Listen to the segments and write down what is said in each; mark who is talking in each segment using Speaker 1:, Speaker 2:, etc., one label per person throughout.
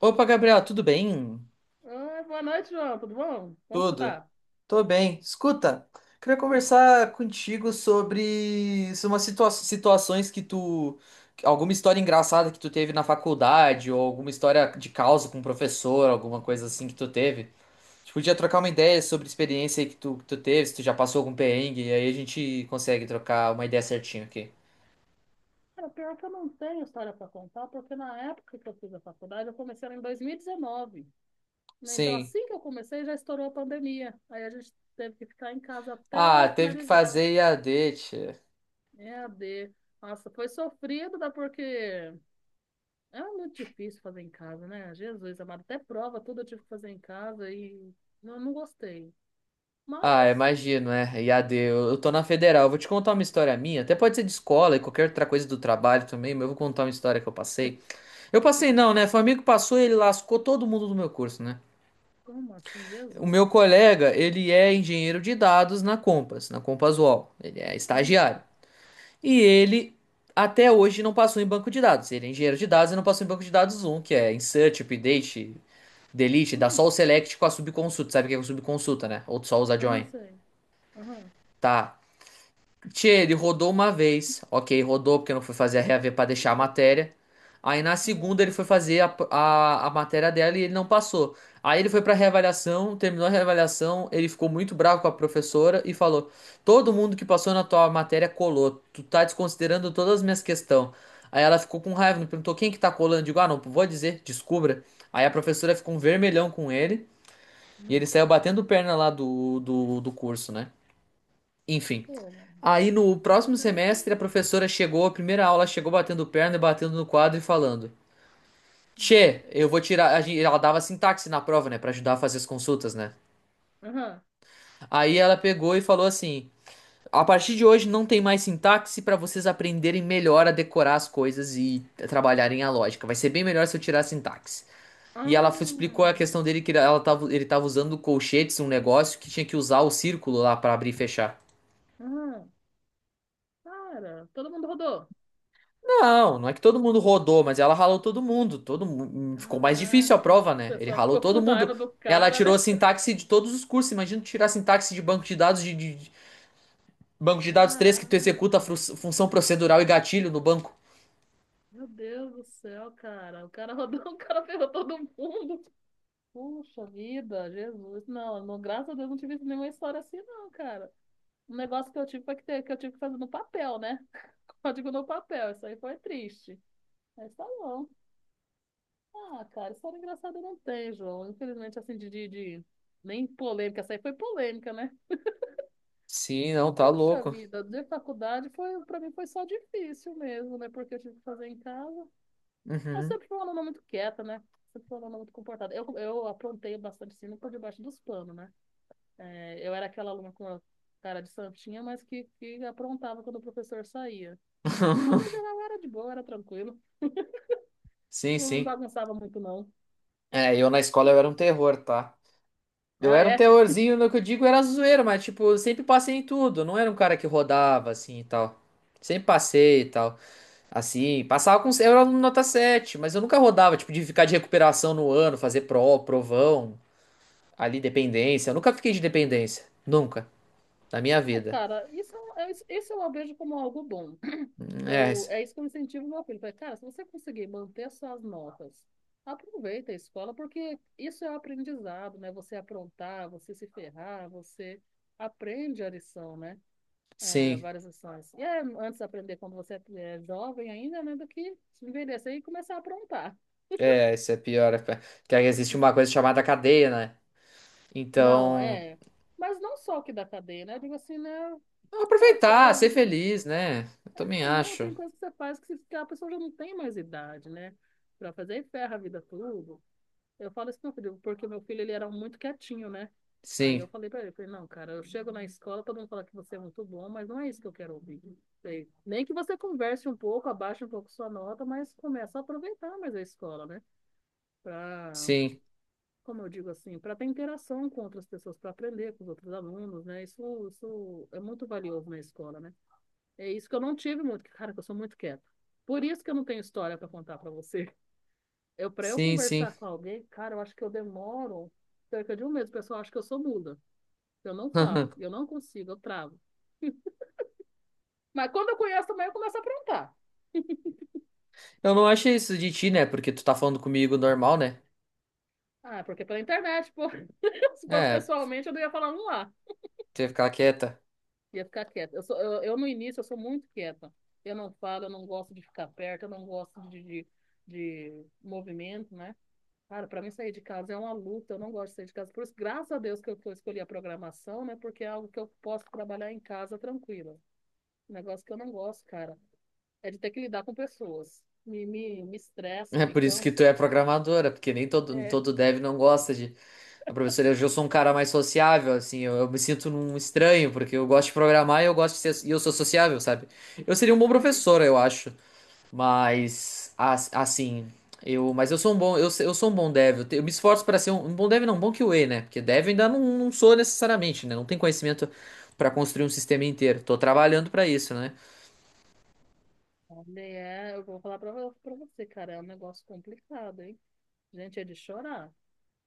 Speaker 1: Opa, Gabriel, tudo bem?
Speaker 2: Oi, boa noite, João. Tudo bom? Como que você
Speaker 1: Tudo.
Speaker 2: tá?
Speaker 1: Tô bem. Escuta, queria
Speaker 2: Hum.
Speaker 1: conversar contigo sobre umas situações que tu. Alguma história engraçada que tu teve na faculdade, ou alguma história de causa com o professor, alguma coisa assim que tu teve. A gente podia trocar uma ideia sobre experiência aí que tu teve, se tu já passou algum perrengue, e aí a gente consegue trocar uma ideia certinho aqui.
Speaker 2: Cara, pior que eu não tenho história para contar, porque na época que eu fiz a faculdade, eu comecei ela em 2019, né? Então,
Speaker 1: Sim.
Speaker 2: assim que eu comecei, já estourou a pandemia. Aí a gente teve que ficar em casa até
Speaker 1: Ah,
Speaker 2: eu
Speaker 1: teve que
Speaker 2: finalizar.
Speaker 1: fazer IAD, tchê.
Speaker 2: É a d. Nossa, foi sofrido, né? Porque é muito difícil fazer em casa, né? Jesus amado, até prova tudo eu tive que fazer em casa e eu não gostei.
Speaker 1: Ah,
Speaker 2: Mas,
Speaker 1: imagino, é. IAD, eu tô na federal. Eu vou te contar uma história minha. Até pode ser de
Speaker 2: é,
Speaker 1: escola e qualquer outra coisa do trabalho também, mas eu vou contar uma história que eu passei. Eu passei não,
Speaker 2: é.
Speaker 1: né? Foi um amigo que passou e ele lascou todo mundo do meu curso, né?
Speaker 2: como assim,
Speaker 1: O
Speaker 2: Jesus?
Speaker 1: meu colega, ele é engenheiro de dados na Compass UOL. Ele é
Speaker 2: Hum,
Speaker 1: estagiário. E ele até hoje não passou em banco de dados. Ele é engenheiro de dados e não passou em banco de dados um, que é insert, update, delete, dá só o
Speaker 2: hum.
Speaker 1: select com a subconsulta. Sabe o que é subconsulta, né? Ou só usa
Speaker 2: Aham,
Speaker 1: join.
Speaker 2: sei. Aham,
Speaker 1: Tá, tchê, ele rodou uma vez. Ok, rodou porque não foi fazer a reaver pra deixar a matéria. Aí na
Speaker 2: aham,
Speaker 1: segunda ele foi fazer a matéria dela e ele não passou. Aí ele foi pra reavaliação, terminou a reavaliação, ele ficou muito bravo com a professora e falou: Todo mundo que passou na tua matéria colou. Tu tá desconsiderando todas as minhas questões. Aí ela ficou com raiva, me perguntou quem que tá colando. Eu digo, ah, não, vou dizer, descubra. Aí a professora ficou um vermelhão com ele e ele
Speaker 2: aham.
Speaker 1: saiu batendo perna lá do curso, né? Enfim.
Speaker 2: Pô, mano,
Speaker 1: Aí no próximo
Speaker 2: mas eu tô...
Speaker 1: semestre a professora chegou, a primeira aula chegou batendo perna, e batendo no quadro e falando:
Speaker 2: Hum.
Speaker 1: Tchê, eu vou tirar. Ela dava sintaxe na prova, né, pra ajudar a fazer as consultas, né?
Speaker 2: Aham.
Speaker 1: Aí ela pegou e falou assim: A partir de hoje não tem mais sintaxe pra vocês aprenderem melhor a decorar as coisas e trabalharem a lógica. Vai ser bem melhor se eu tirar a sintaxe. E ela
Speaker 2: Ah,
Speaker 1: explicou a questão dele que ela tava, ele tava usando colchetes, um negócio que tinha que usar o círculo lá pra abrir e fechar.
Speaker 2: aham. Cara, todo mundo rodou.
Speaker 1: Não, não é que todo mundo rodou, mas ela ralou todo mundo. Ficou mais difícil
Speaker 2: Caraca,
Speaker 1: a prova,
Speaker 2: o
Speaker 1: né? Ele
Speaker 2: pessoal
Speaker 1: ralou
Speaker 2: ficou
Speaker 1: todo
Speaker 2: com
Speaker 1: mundo.
Speaker 2: raiva do
Speaker 1: Ela
Speaker 2: cara,
Speaker 1: tirou
Speaker 2: né?
Speaker 1: sintaxe de todos os cursos. Imagina tu tirar sintaxe de banco de dados de banco de dados três, que tu executa
Speaker 2: Caraca,
Speaker 1: função procedural e gatilho no banco.
Speaker 2: meu Deus do céu, cara. O cara rodou, o cara ferrou todo mundo. Puxa vida, Jesus. Não, não, graças a Deus não tive nenhuma história assim, não, cara. Um negócio que eu tive foi que, ter, que eu tive que fazer no papel, né? Código no papel, isso aí foi triste. Mas tá bom. Ah, cara, história engraçada não tem, João. Infelizmente, assim, nem polêmica, essa aí foi polêmica, né?
Speaker 1: Sim, não, tá
Speaker 2: Poxa
Speaker 1: louco.
Speaker 2: vida, de faculdade foi, pra mim foi só difícil mesmo, né? Porque eu tive que fazer em casa. Eu
Speaker 1: Uhum.
Speaker 2: sempre fui uma aluna muito quieta, né? Sempre fui uma aluna muito comportada. Eu aprontei bastante, assim, por debaixo dos panos, né? É, eu era aquela aluna com a cara de santinha, mas que aprontava quando o professor saía. Mas, no geral, era de boa, era tranquilo.
Speaker 1: Sim,
Speaker 2: Não
Speaker 1: sim.
Speaker 2: bagunçava muito, não.
Speaker 1: É, eu na escola eu era um terror, tá? Eu
Speaker 2: Ah,
Speaker 1: era um
Speaker 2: é?
Speaker 1: terrorzinho, no que eu digo era zoeira, mas tipo, eu sempre passei em tudo. Eu não era um cara que rodava assim e tal. Sempre passei e tal. Assim, passava com. Eu era aluno nota sete, mas eu nunca rodava, tipo, de ficar de recuperação no ano, fazer pró, provão, ali dependência. Eu nunca fiquei de dependência. Nunca. Na minha vida.
Speaker 2: Cara, isso, é, isso eu vejo como algo bom.
Speaker 1: É,
Speaker 2: Eu, é isso que eu incentivo meu filho. Falei, cara, se você conseguir manter suas notas, aproveita a escola, porque isso é o aprendizado, né? Você aprontar, você se ferrar, você aprende a lição, né? É,
Speaker 1: sim.
Speaker 2: várias lições. E é antes de aprender quando você é jovem ainda, né? Do que envelhecer e começar a aprontar.
Speaker 1: É, isso é pior. É que aí existe uma coisa chamada cadeia, né?
Speaker 2: Não,
Speaker 1: Então,
Speaker 2: é. Mas não só o que da cadeia, né? Eu digo assim, né? Cara, que você,
Speaker 1: aproveitar,
Speaker 2: às
Speaker 1: ser
Speaker 2: vezes,
Speaker 1: feliz, né? Eu também
Speaker 2: é, não,
Speaker 1: acho.
Speaker 2: tem coisa que você faz que, que a pessoa já não tem mais idade, né? Pra fazer e ferra a vida tudo. Eu falo isso pro meu filho, porque o meu filho ele era muito quietinho, né? Aí eu
Speaker 1: Sim,
Speaker 2: falei pra ele, falei, não, cara, eu chego na escola, todo mundo fala que você é muito bom, mas não é isso que eu quero ouvir. Falei, nem que você converse um pouco, abaixe um pouco sua nota, mas começa a aproveitar mais a escola, né? Pra,
Speaker 1: sim,
Speaker 2: como eu digo assim, para ter interação com outras pessoas, para aprender com os outros alunos, né? Isso é muito valioso na escola, né? É isso que eu não tive muito, cara, que eu sou muito quieta. Por isso que eu não tenho história para contar para você. Eu, pra eu
Speaker 1: sim, sim.
Speaker 2: conversar com alguém, cara, eu acho que eu demoro cerca de um mês. O pessoal acha que eu sou muda. Eu não falo, eu não consigo, eu travo. Mas quando eu conheço também, eu começo a aprontar.
Speaker 1: Eu não achei isso de ti, né? Porque tu tá falando comigo normal, né?
Speaker 2: Ah, porque pela internet, pô. Se fosse
Speaker 1: É,
Speaker 2: pessoalmente, eu não ia falar um lá.
Speaker 1: ter ficar quieta.
Speaker 2: Ia ficar quieta. Eu, sou, eu, no início, eu sou muito quieta. Eu não falo, eu não gosto de ficar perto, eu não gosto de movimento, né? Cara, para mim sair de casa é uma luta, eu não gosto de sair de casa. Por isso, graças a Deus que eu escolhi a programação, né? Porque é algo que eu posso trabalhar em casa tranquila. Um negócio que eu não gosto, cara, é de ter que lidar com pessoas. Me estressa,
Speaker 1: É
Speaker 2: me
Speaker 1: por isso que
Speaker 2: cansa.
Speaker 1: tu é programadora, porque nem todo,
Speaker 2: É,
Speaker 1: todo dev não gosta de. A professora, eu sou um cara mais sociável, assim, eu me sinto num estranho, porque eu gosto de programar e eu gosto de ser, e eu sou sociável, sabe? Eu seria um bom
Speaker 2: aí,
Speaker 1: professor, eu acho, mas assim, eu, mas eu sou um bom, eu, eu sou um bom dev, eu, eu me esforço para ser um, um bom dev, não, um bom QA, né? Porque dev ainda não, não sou necessariamente, né? Não tenho conhecimento para construir um sistema inteiro. Tô trabalhando para isso, né?
Speaker 2: olha, é, eu vou falar pra, pra você, cara, é um negócio complicado, hein? Gente, é de chorar.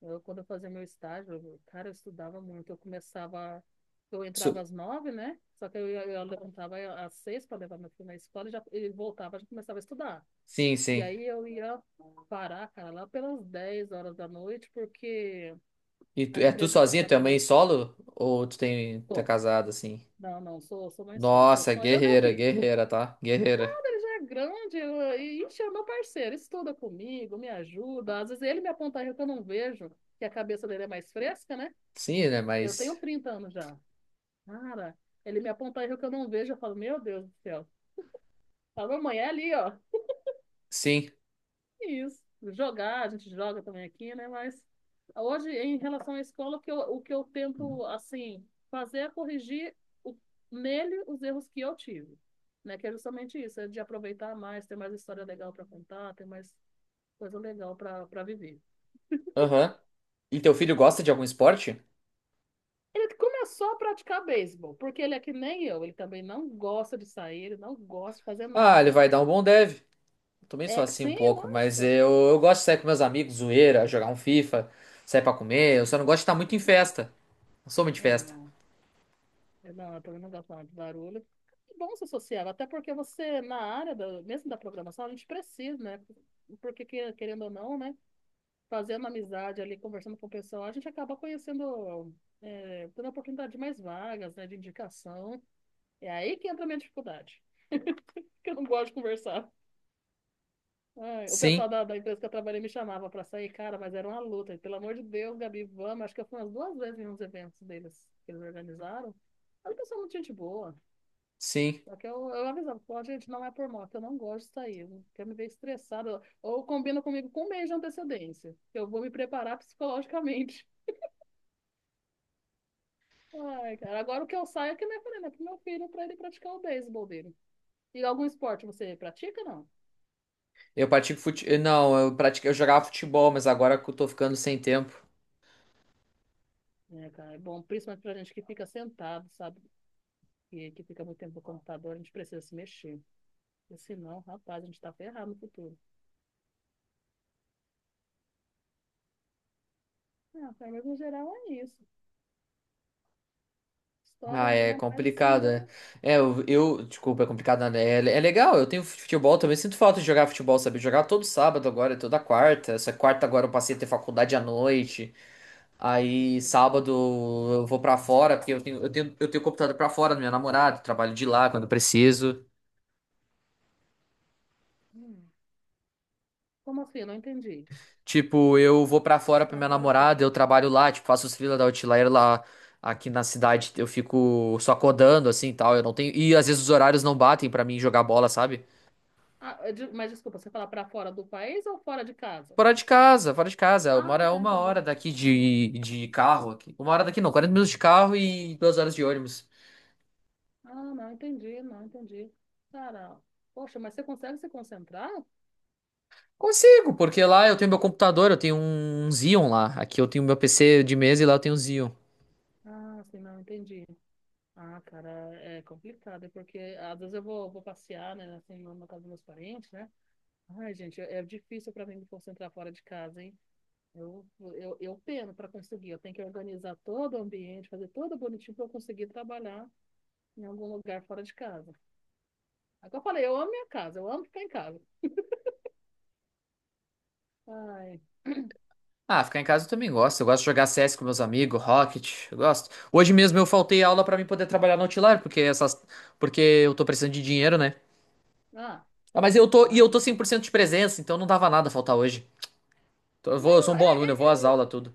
Speaker 2: Eu, quando eu fazia meu estágio, cara, eu estudava muito. Eu começava, eu entrava
Speaker 1: Sou-
Speaker 2: às 9, né? Só que eu, eu levantava às 6 para levar meu filho na escola e já, ele voltava, já começava a estudar.
Speaker 1: Sim,
Speaker 2: E
Speaker 1: sim.
Speaker 2: aí eu ia parar, cara, lá pelas 10 horas da noite, porque
Speaker 1: E tu,
Speaker 2: a
Speaker 1: é tu
Speaker 2: empresa em que eu
Speaker 1: sozinha, tua mãe
Speaker 2: trabalhei,
Speaker 1: solo? Ou tu tem, tu é
Speaker 2: bom,
Speaker 1: casado, assim?
Speaker 2: não, não, sou, sou mãe solo, sou
Speaker 1: Nossa,
Speaker 2: só eu e meu
Speaker 1: guerreira,
Speaker 2: filho.
Speaker 1: guerreira, tá? Guerreira.
Speaker 2: Quando ele já é grande, ixi, é meu parceiro, estuda comigo, me ajuda. Às vezes ele me aponta erro que eu não vejo, que a cabeça dele é mais fresca, né?
Speaker 1: Sim, né?
Speaker 2: Eu
Speaker 1: Mas.
Speaker 2: tenho 30 anos já. Cara, ele me aponta erro que eu não vejo, eu falo, meu Deus do céu. Fala, mamãe, é ali, ó.
Speaker 1: Sim.
Speaker 2: Isso. Jogar, a gente joga também aqui, né? Mas hoje, em relação à escola, o que eu tento, assim, fazer é corrigir o- nele os erros que eu tive, né? Que é justamente isso, é de aproveitar mais, ter mais história legal para contar, ter mais coisa legal para para viver.
Speaker 1: Aham. E teu filho gosta de algum esporte?
Speaker 2: Ele começou a praticar beisebol, porque ele é que nem eu, ele também não gosta de sair, ele não gosta de fazer
Speaker 1: Ah, ele
Speaker 2: nada.
Speaker 1: vai dar um bom deve. Eu também sou
Speaker 2: É,
Speaker 1: assim um
Speaker 2: sim,
Speaker 1: pouco, mas
Speaker 2: nossa.
Speaker 1: eu gosto de sair com meus amigos, zoeira, jogar um FIFA, sair pra comer. Eu só não gosto de estar muito em festa. Não sou muito de
Speaker 2: É,
Speaker 1: festa.
Speaker 2: não. Não, eu também não gosto nada de barulho. É bom ser social, até porque você, na área, mesmo da programação, a gente precisa, né? Porque, querendo ou não, né? Fazendo amizade ali, conversando com o pessoal, a gente acaba conhecendo, é, tendo a oportunidade de mais vagas, né? De indicação. É aí que entra a minha dificuldade, porque eu não gosto de conversar. Ai, o
Speaker 1: Sim,
Speaker 2: pessoal da empresa que eu trabalhei me chamava para sair, cara, mas era uma luta. E, pelo amor de Deus, Gabi, vamos. Acho que eu fui umas duas vezes em uns eventos deles que eles organizaram. Era um pessoal é muito gente boa.
Speaker 1: sim.
Speaker 2: Só que eu avisava, pô, gente, não é por moto, eu não gosto de sair, eu quero me ver estressada. Ou combina comigo com um mês de antecedência, que eu vou me preparar psicologicamente. Ai, cara, agora o que eu saio é que nem eu falei, né, pro meu filho, pra ele praticar o beisebol dele. E algum esporte você pratica, não?
Speaker 1: Eu pratico fute... Não, eu pratico... eu jogava futebol, mas agora que eu tô ficando sem tempo.
Speaker 2: É, cara, é bom, principalmente pra gente que fica sentado, sabe? Que fica muito tempo no computador, a gente precisa se mexer. Porque senão, rapaz, a gente tá ferrado no futuro. Ah, cara, mas no geral é isso.
Speaker 1: Ah,
Speaker 2: História
Speaker 1: é
Speaker 2: minha, mas assim,
Speaker 1: complicado, né?
Speaker 2: deu...
Speaker 1: É, eu, desculpa, é complicado, nada. É, é legal, eu tenho futebol também. Sinto falta de jogar futebol, sabe? Jogar todo sábado agora, toda quarta. Só que quarta agora eu passei a ter faculdade à noite. Aí
Speaker 2: um-
Speaker 1: sábado eu vou pra fora, porque eu tenho computador pra fora do meu namorado, trabalho de lá quando preciso.
Speaker 2: Hum. Como assim? Eu não entendi.
Speaker 1: Tipo, eu vou pra fora pra
Speaker 2: Pra
Speaker 1: minha
Speaker 2: fora como?
Speaker 1: namorada, eu trabalho lá, tipo, faço os freela da Outlier lá. Aqui na cidade eu fico só codando assim e tal, eu não tenho. E às vezes os horários não batem pra mim jogar bola, sabe?
Speaker 2: Ah, mas desculpa, você fala pra fora do país ou fora de casa?
Speaker 1: Fora de casa, fora de casa. Eu moro
Speaker 2: Ah,
Speaker 1: a
Speaker 2: tá,
Speaker 1: uma
Speaker 2: entendi.
Speaker 1: hora daqui
Speaker 2: Uhum.
Speaker 1: de carro aqui. Uma hora daqui não, 40 minutos de carro e 2 horas de ônibus.
Speaker 2: Ah, não, entendi, não, entendi. Cara, poxa, mas você consegue se concentrar?
Speaker 1: Consigo, porque lá eu tenho meu computador, eu tenho um Xeon lá. Aqui eu tenho meu PC de mesa e lá eu tenho um Xeon.
Speaker 2: Ah, sim, não, entendi. Ah, cara, é complicado, é porque às vezes eu vou, vou passear, né, assim, na casa dos meus parentes, né? Ai, gente, é difícil pra mim me concentrar fora de casa, hein? Eu peno pra conseguir, eu tenho que organizar todo o ambiente, fazer tudo bonitinho pra eu conseguir trabalhar em algum lugar fora de casa. É que eu falei, eu amo minha casa, eu amo ficar em casa. Ai,
Speaker 1: Ah, ficar em casa eu também gosto. Eu gosto de jogar CS com meus amigos, Rocket, eu gosto. Hoje mesmo eu faltei aula pra mim poder trabalhar no Outlier, porque essas porque eu tô precisando de dinheiro, né?
Speaker 2: ah,
Speaker 1: Ah, mas eu tô e
Speaker 2: ah,
Speaker 1: eu tô cem
Speaker 2: não.
Speaker 1: por cento de presença, então não dava nada faltar hoje. Então eu vou, eu sou
Speaker 2: Não,
Speaker 1: um bom aluno, eu vou às aulas tudo.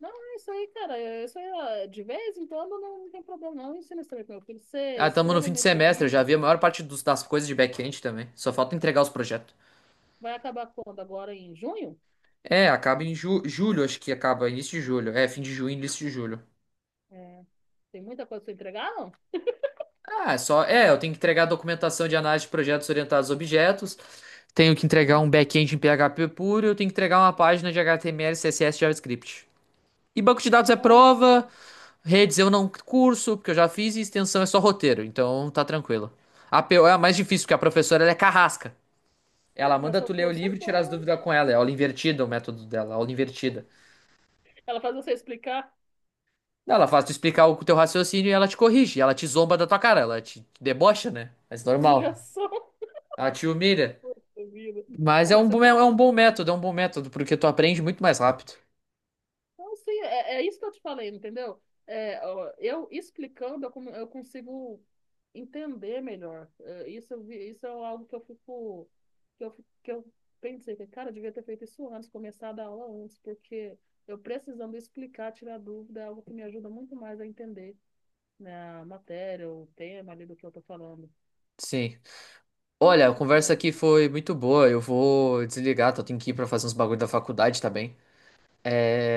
Speaker 2: não, é isso aí, cara. É isso aí, ó, de vez em quando não, não tem problema, não. Ensina isso também pro meu filho. Ser
Speaker 1: Ah, estamos no fim de
Speaker 2: extremamente
Speaker 1: semestre, eu já vi
Speaker 2: rígido.
Speaker 1: a maior parte das coisas de back-end também. Só falta entregar os projetos.
Speaker 2: Vai acabar quando? Agora em junho?
Speaker 1: É, acaba em julho, acho que acaba, início de julho. É, fim de junho, início de julho.
Speaker 2: É, tem muita coisa pra entregar, não?
Speaker 1: Ah, é só. É, eu tenho que entregar a documentação de análise de projetos orientados a objetos. Tenho que entregar
Speaker 2: Ai, que
Speaker 1: um back-end em
Speaker 2: tristeza.
Speaker 1: PHP puro. Eu tenho que entregar uma página de HTML, CSS, e JavaScript. E banco de dados é
Speaker 2: Caraca.
Speaker 1: prova. Redes eu não curso, porque eu já fiz. E extensão é só roteiro, então tá tranquilo. A APO é a mais difícil, porque a professora ela é carrasca. Ela
Speaker 2: Nossa, mas
Speaker 1: manda
Speaker 2: seu
Speaker 1: tu ler o
Speaker 2: curso é
Speaker 1: livro e tirar as
Speaker 2: bom, né?
Speaker 1: dúvidas com ela. É aula invertida o método dela, aula invertida.
Speaker 2: Ela faz você explicar.
Speaker 1: Ela faz tu explicar o teu raciocínio e ela te corrige. Ela te zomba da tua cara, ela te debocha, né? Mas
Speaker 2: É uma
Speaker 1: normal.
Speaker 2: humilhação.
Speaker 1: Ela te humilha.
Speaker 2: Poxa vida.
Speaker 1: Mas
Speaker 2: Pô,
Speaker 1: é
Speaker 2: mas
Speaker 1: um,
Speaker 2: seu
Speaker 1: é
Speaker 2: curso.
Speaker 1: um bom método, é um bom método, porque tu aprende muito mais rápido.
Speaker 2: Então, assim, é, é isso que eu te falei, entendeu? É, ó, eu explicando, eu consigo entender melhor. É, isso, isso é algo que eu fico, que eu pensei, que, cara, eu devia ter feito isso antes, começar a dar aula antes, porque eu precisando explicar, tirar dúvida, é algo que me ajuda muito mais a entender, né, a matéria, o tema ali do que eu tô falando.
Speaker 1: Sim. Olha, a
Speaker 2: Ah,
Speaker 1: conversa
Speaker 2: cara.
Speaker 1: aqui foi muito boa. Eu vou desligar, tenho que ir pra fazer uns bagulho da faculdade, tá bem?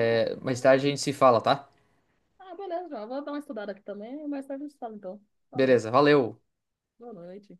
Speaker 2: Ah,
Speaker 1: Mais
Speaker 2: beleza.
Speaker 1: tarde a gente se fala, tá?
Speaker 2: Ah, beleza, já. Vou dar uma estudada aqui também, mais tarde a gente fala, então. Falou.
Speaker 1: Beleza, valeu.
Speaker 2: Boa noite.